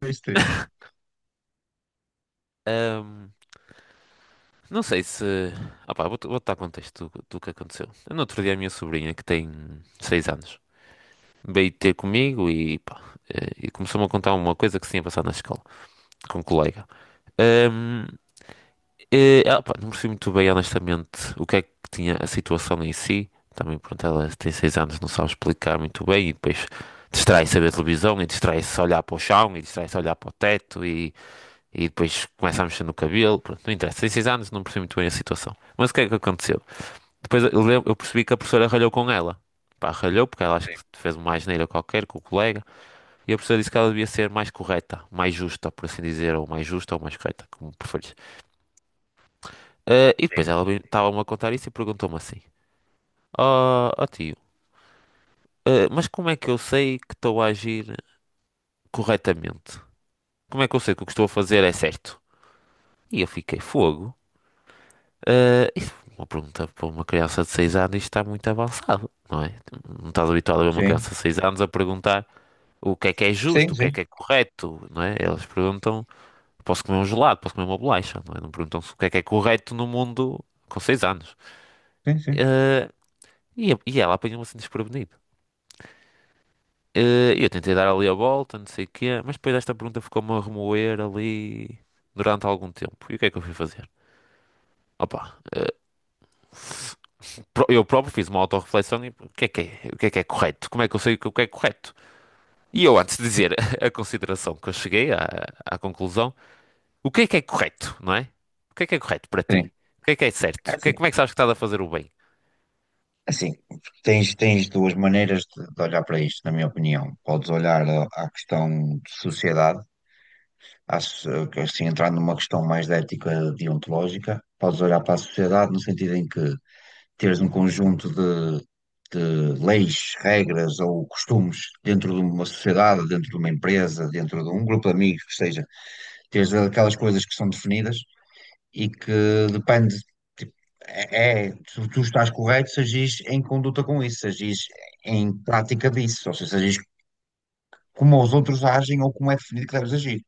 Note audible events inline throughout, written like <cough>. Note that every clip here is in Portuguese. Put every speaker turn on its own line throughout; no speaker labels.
Dois, três.
<laughs> Ahm, não sei se. Opá, vou dar contexto do que aconteceu. No outro dia, a minha sobrinha, que tem 6 anos, veio ter comigo e, pá, e começou-me a contar uma coisa que se tinha passado na escola, com um colega. Ahm, Pá, não percebi muito bem, honestamente, o que é que tinha a situação em si. Também, pronto, ela tem 6 anos, não sabe explicar muito bem e depois distrai-se a ver televisão e distrai-se a olhar para o chão e distrai-se a olhar para o teto e. E depois começa a mexer no cabelo. Pronto, não interessa. Tem seis anos, não percebi muito bem a situação. Mas o que é que aconteceu? Depois eu percebi que a professora ralhou com ela. Pá, ralhou porque ela acho que fez uma asneira qualquer com o colega. E a professora disse que ela devia ser mais correta, mais justa, por assim dizer, ou mais justa ou mais correta, como preferires. E depois ela estava-me a contar isso e perguntou-me assim: Ó tio, mas como é que eu sei que estou a agir corretamente? Como é que eu sei que o que estou a fazer é certo? E eu fiquei fogo. Isso é uma pergunta para uma criança de 6 anos, isto está muito avançado, não é? Não estás habituado a ver uma
Sim,
criança de 6 anos a perguntar o que é
sim,
justo, o
sim,
que é correto, não é? Elas perguntam, posso comer um gelado, posso comer uma bolacha, não é? Não perguntam se o que é correto no mundo com 6 anos.
sim, sim.
Eh, e, e ela apanhou-me assim desprevenido. Eu tentei dar ali a volta, não sei o quê, mas depois esta pergunta ficou-me a remoer ali durante algum tempo. E o que é que eu fui fazer? Opa, eu próprio fiz uma autorreflexão e o que é, o que é correto? Como é que eu sei o que é correto? E eu, antes de dizer <laughs> a consideração que eu cheguei à conclusão, o que é correto, não é? O que é correto para
Sim.
ti? O que é certo? O que
Assim,
como é que sabes que estás a fazer o bem?
assim, tens duas maneiras de olhar para isto, na minha opinião. Podes olhar à questão de sociedade, à so- assim, entrando numa questão mais de ética deontológica, podes olhar para a sociedade no sentido em que teres um conjunto de leis, regras ou costumes dentro de uma sociedade, dentro de uma empresa, dentro de um grupo de amigos, que seja, teres aquelas coisas que são definidas e que depende, tipo, tu estás correto se agis em conduta com isso, se agis em prática disso, ou seja, se agis como os outros agem ou como é definido que deves agir.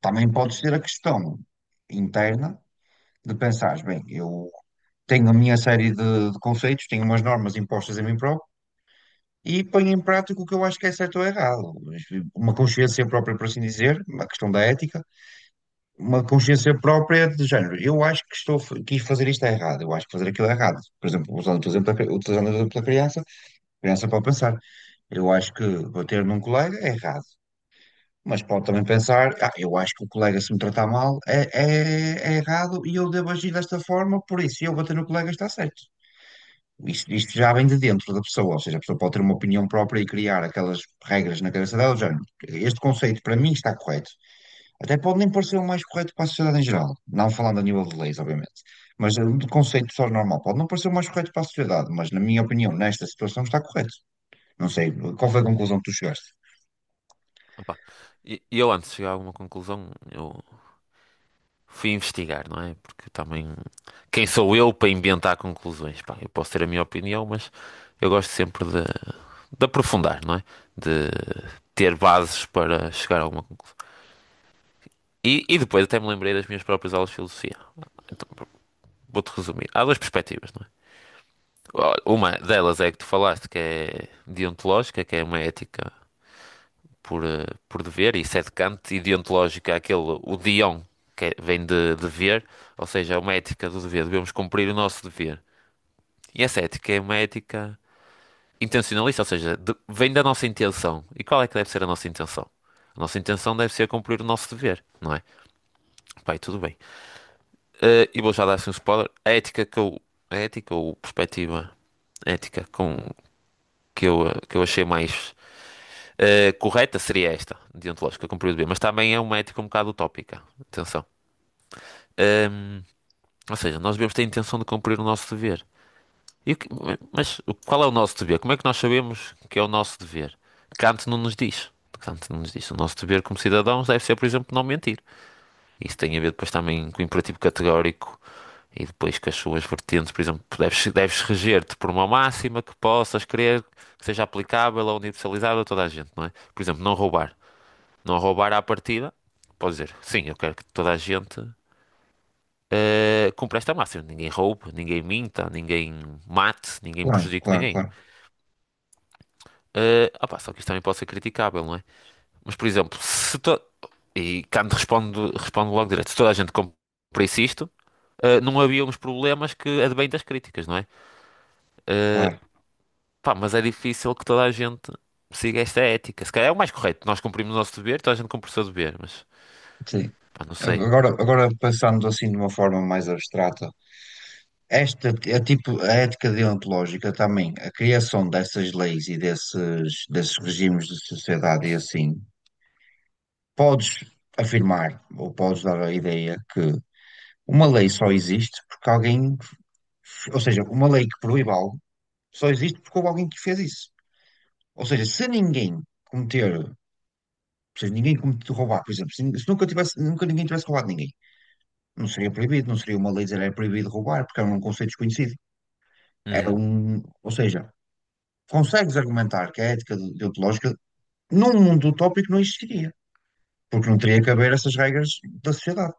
Também podes ter a questão interna de pensares, bem, eu tenho a minha série de conceitos, tenho umas normas impostas a mim próprio e ponho em prática o que eu acho que é certo ou errado. Uma consciência própria, por assim dizer, uma questão da ética uma consciência própria de género. Eu acho que estou, a quis fazer isto é errado, eu acho que fazer aquilo é errado. Por exemplo, usando o teu exemplo, utilizando o exemplo da criança, a criança pode pensar, eu acho que bater num colega é errado. Mas pode também pensar, ah, eu acho que o colega se me tratar mal é errado e eu devo agir desta forma, por isso eu bater no colega está certo. Isto já vem de dentro da pessoa, ou seja, a pessoa pode ter uma opinião própria e criar aquelas regras na cabeça dela, do género. Este conceito para mim está correto. Até pode nem parecer o mais correto para a sociedade em geral, não falando a nível de leis, obviamente, mas é um conceito só normal. Pode não parecer o mais correto para a sociedade, mas na minha opinião, nesta situação está correto. Não sei, qual foi a conclusão que tu chegaste?
Opa, E eu, antes de chegar a alguma conclusão, eu fui investigar, não é? Porque também, quem sou eu para inventar conclusões? Pá, eu posso ter a minha opinião, mas eu gosto sempre de aprofundar, não é? De ter bases para chegar a alguma conclusão. E depois até me lembrei das minhas próprias aulas de filosofia. Vou-te resumir. Há duas perspectivas, não é? Olha, uma delas é a que tu falaste, que é deontológica, que é uma ética por, por dever, e isso é de Kant, e deontológica é aquele, o dion, que vem de dever, ou seja, é uma ética do dever, devemos cumprir o nosso dever. E essa ética é uma ética intencionalista, ou seja, vem da nossa intenção. E qual é que deve ser a nossa intenção? A nossa intenção deve ser cumprir o nosso dever, não é? Pai, tudo bem. E vou já dar assim um spoiler. A ética que eu. A ética ou perspectiva ética com, que eu, que eu achei mais correta seria esta, deontológica, como proibido beber. Mas também é uma ética um bocado utópica. Atenção. Ehm, ou seja, nós devemos ter a intenção de cumprir o nosso dever. E o mas qual é o nosso dever? Como é que nós sabemos que é o nosso dever? Kant não nos diz. Kant não nos diz. O nosso dever como cidadãos deve ser, por exemplo, não mentir. Isso tem a ver depois também com o imperativo categórico e depois com as suas vertentes. Por exemplo, deves reger-te por uma máxima que possas querer que seja aplicável ou universalizável a toda a gente, não é? Por exemplo, não roubar. Não roubar à partida, pode dizer, sim, eu quero que toda a gente cumpra esta máxima. Ninguém roube, ninguém minta, ninguém mate, ninguém
Claro,
prejudique
claro,
ninguém.
claro,
Opá, só que isto também pode ser criticável, não é? Mas, por exemplo, se to... E Kant responde, responde logo direto, se toda a gente cumprisse isto, não havia uns problemas que advêm das críticas, não é? Uh,
claro.
Pá, mas é difícil que toda a gente siga esta ética. Se calhar é o mais correto. Nós cumprimos o nosso dever, toda a gente cumpre o seu dever, mas
Sim.
pá, não sei.
Agora pensando assim de uma forma mais abstrata, esta é tipo a ética deontológica também, a criação dessas leis e desses regimes de sociedade e assim. Podes afirmar ou podes dar a ideia que uma lei só existe porque alguém, ou seja, uma lei que proíbe algo só existe porque houve alguém que fez isso. Ou seja, se ninguém cometer, ou seja, ninguém cometer roubar, por exemplo, se nunca tivesse, nunca ninguém tivesse roubado ninguém, não seria proibido, não seria uma lei dizer era proibido roubar, porque era um conceito desconhecido. Era
Uhum,
um, ou seja, consegues argumentar que a deontológica num mundo utópico não existiria, porque não teria que haver essas regras da sociedade.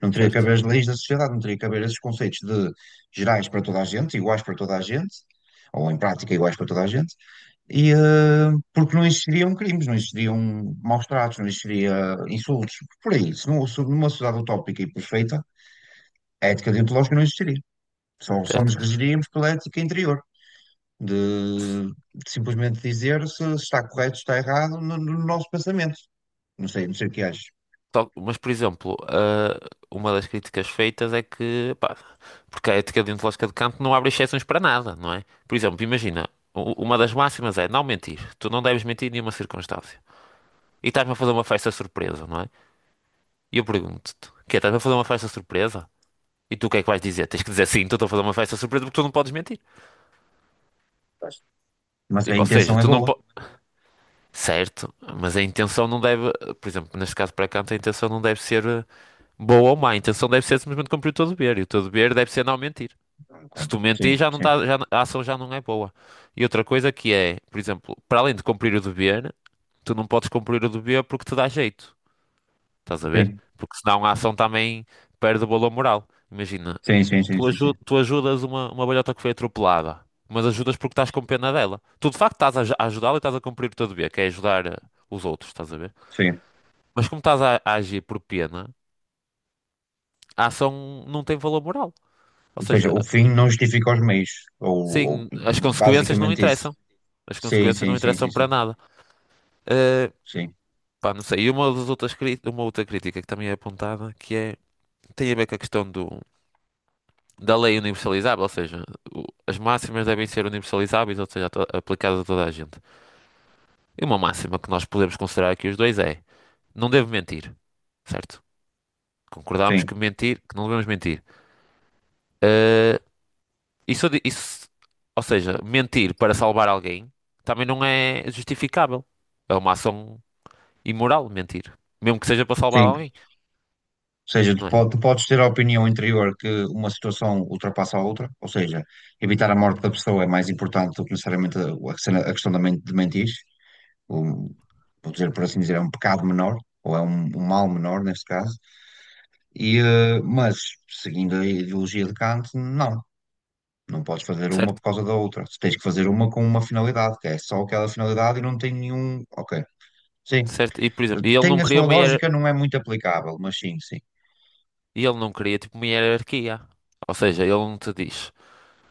Não teria que haver
certo,
as leis da sociedade, não teria que haver esses conceitos de gerais para toda a gente, iguais para toda a gente, ou em prática iguais para toda a gente, e, porque não existiriam crimes, não existiriam maus-tratos, não existiria insultos, por aí. Se, não, se numa sociedade utópica e perfeita, a ética deontológica não existiria. Só
certo.
nos regiríamos pela ética interior, de, de simplesmente dizer se está correto, se está errado no nosso pensamento. Não sei, não sei o que achas.
Mas, por exemplo, uma das críticas feitas é que, pá, porque a ética deontológica de Kant não abre exceções para nada, não é? Por exemplo, imagina, uma das máximas é não mentir. Tu não deves mentir em nenhuma circunstância. E estás-me a fazer uma festa surpresa, não é? E eu pergunto-te, que estás-me a fazer uma festa surpresa? E tu o que é que vais dizer? Tens que dizer sim, estou a fazer uma festa surpresa porque tu não podes mentir.
Mas a
Tipo, ou seja,
intenção é
tu não
boa.
podes. Certo, mas a intenção não deve, por exemplo, neste caso para canto, a intenção não deve ser boa ou má, a intenção deve ser simplesmente cumprir o teu dever, e o teu dever deve ser não mentir. Se tu mentir,
Sim,
já não
sim,
tá, já, a ação já não é boa. E outra coisa que é, por exemplo, para além de cumprir o dever, tu não podes cumprir o dever porque te dá jeito, estás a ver?
sim.
Porque senão a ação também perde o valor moral. Imagina,
Sim, sim, sim,
Tu,
sim,
aju-
sim.
tu ajudas uma velhota que foi atropelada, mas ajudas porque estás com pena dela. Tu de facto estás a ajudá-la e estás a cumprir o teu dever, que é ajudar os outros, estás a ver?
Sim.
Mas como estás a agir por pena, a ação não tem valor moral. Ou
Ou seja,
seja,
o fim não justifica os meios. Ou
sim, as consequências não
basicamente isso.
interessam. As
Sim,
consequências
sim,
não
sim,
interessam
sim,
para
sim.
nada. Eh,
Sim,
Pá, não sei. E uma outra crítica que também é apontada, que é, tem a ver com a questão do, da lei universalizável, ou seja, as máximas devem ser universalizáveis, ou seja, a aplicadas a toda a gente. E uma máxima que nós podemos considerar aqui os dois é: não devo mentir, certo? Concordámos
sim,
que não devemos mentir. Eh, isso, isso, ou seja, mentir para salvar alguém também não é justificável. É uma ação imoral mentir, mesmo que seja para salvar
sim.
alguém,
Ou seja, tu,
não é?
tu podes ter a opinião interior que uma situação ultrapassa a outra, ou seja, evitar a morte da pessoa é mais importante do que necessariamente a a de mentir. Um, vou dizer, por assim dizer, é um pecado menor, ou é um mal menor neste caso. E, mas, seguindo a ideologia de Kant, não. Não podes fazer uma por
Certo?
causa da outra. Tens que fazer uma com uma finalidade, que é só aquela finalidade e não tem nenhum. Ok. Sim.
Certo? E por exemplo,
Tem a sua lógica, não é muito aplicável, mas sim, sim.
e ele não queria tipo uma hierarquia. Ou seja, ele não te diz.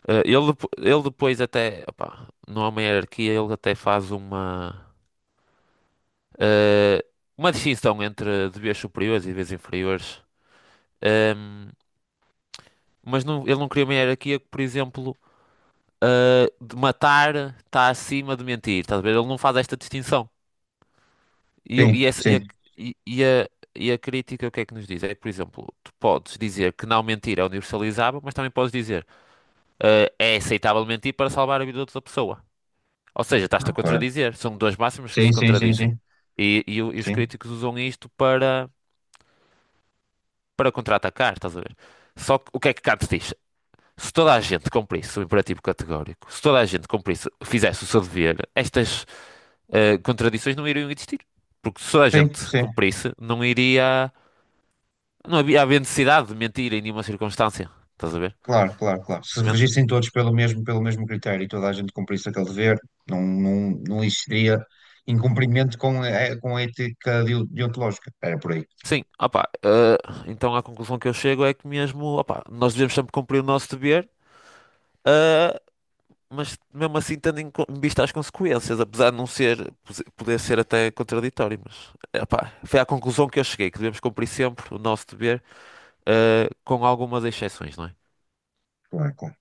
Ele, ele depois até, opá, não há uma hierarquia, ele até faz uma eh, uma distinção entre deveres superiores e deveres inferiores. Ehm, mas ele não criou uma hierarquia que, por exemplo, de matar está acima de mentir. Estás a ver? Ele não faz esta distinção. E, eu- e
Sim,
essa- e a,
sim.
e- e a- E a crítica, o que é que nos diz? É que, por exemplo, tu podes dizer que não mentir é universalizável, mas também podes dizer é aceitável mentir para salvar a vida de outra pessoa. Ou seja, estás-te a
Ok.
contradizer. São duas máximas que
Sim,
se
sim, sim,
contradizem.
sim.
E e os
Sim,
críticos usam isto para contra-atacar, estás a ver? Só que o que é que Kant diz? Se toda a gente cumprisse o imperativo categórico, se toda a gente cumprisse, fizesse o seu dever, estas contradições não iriam existir. Porque se toda a
sim,
gente
sim.
cumprisse, não iria. Não havia, havia necessidade de mentir em nenhuma circunstância. Estás a ver?
Claro, claro, claro. Se
Simplesmente.
regissem todos pelo mesmo critério e toda a gente cumprisse aquele dever, não, não, não existiria incumprimento com a deontológica. Era por aí.
Sim, opá. Então a conclusão que eu chego é que mesmo, opá, nós devemos sempre cumprir o nosso dever. eh, mas mesmo assim tendo em em vista as consequências, apesar de não ser, poder ser até contraditório, mas epá, foi à conclusão que eu cheguei, que devemos cumprir sempre o nosso dever, com algumas exceções, não é?
Claro, claro.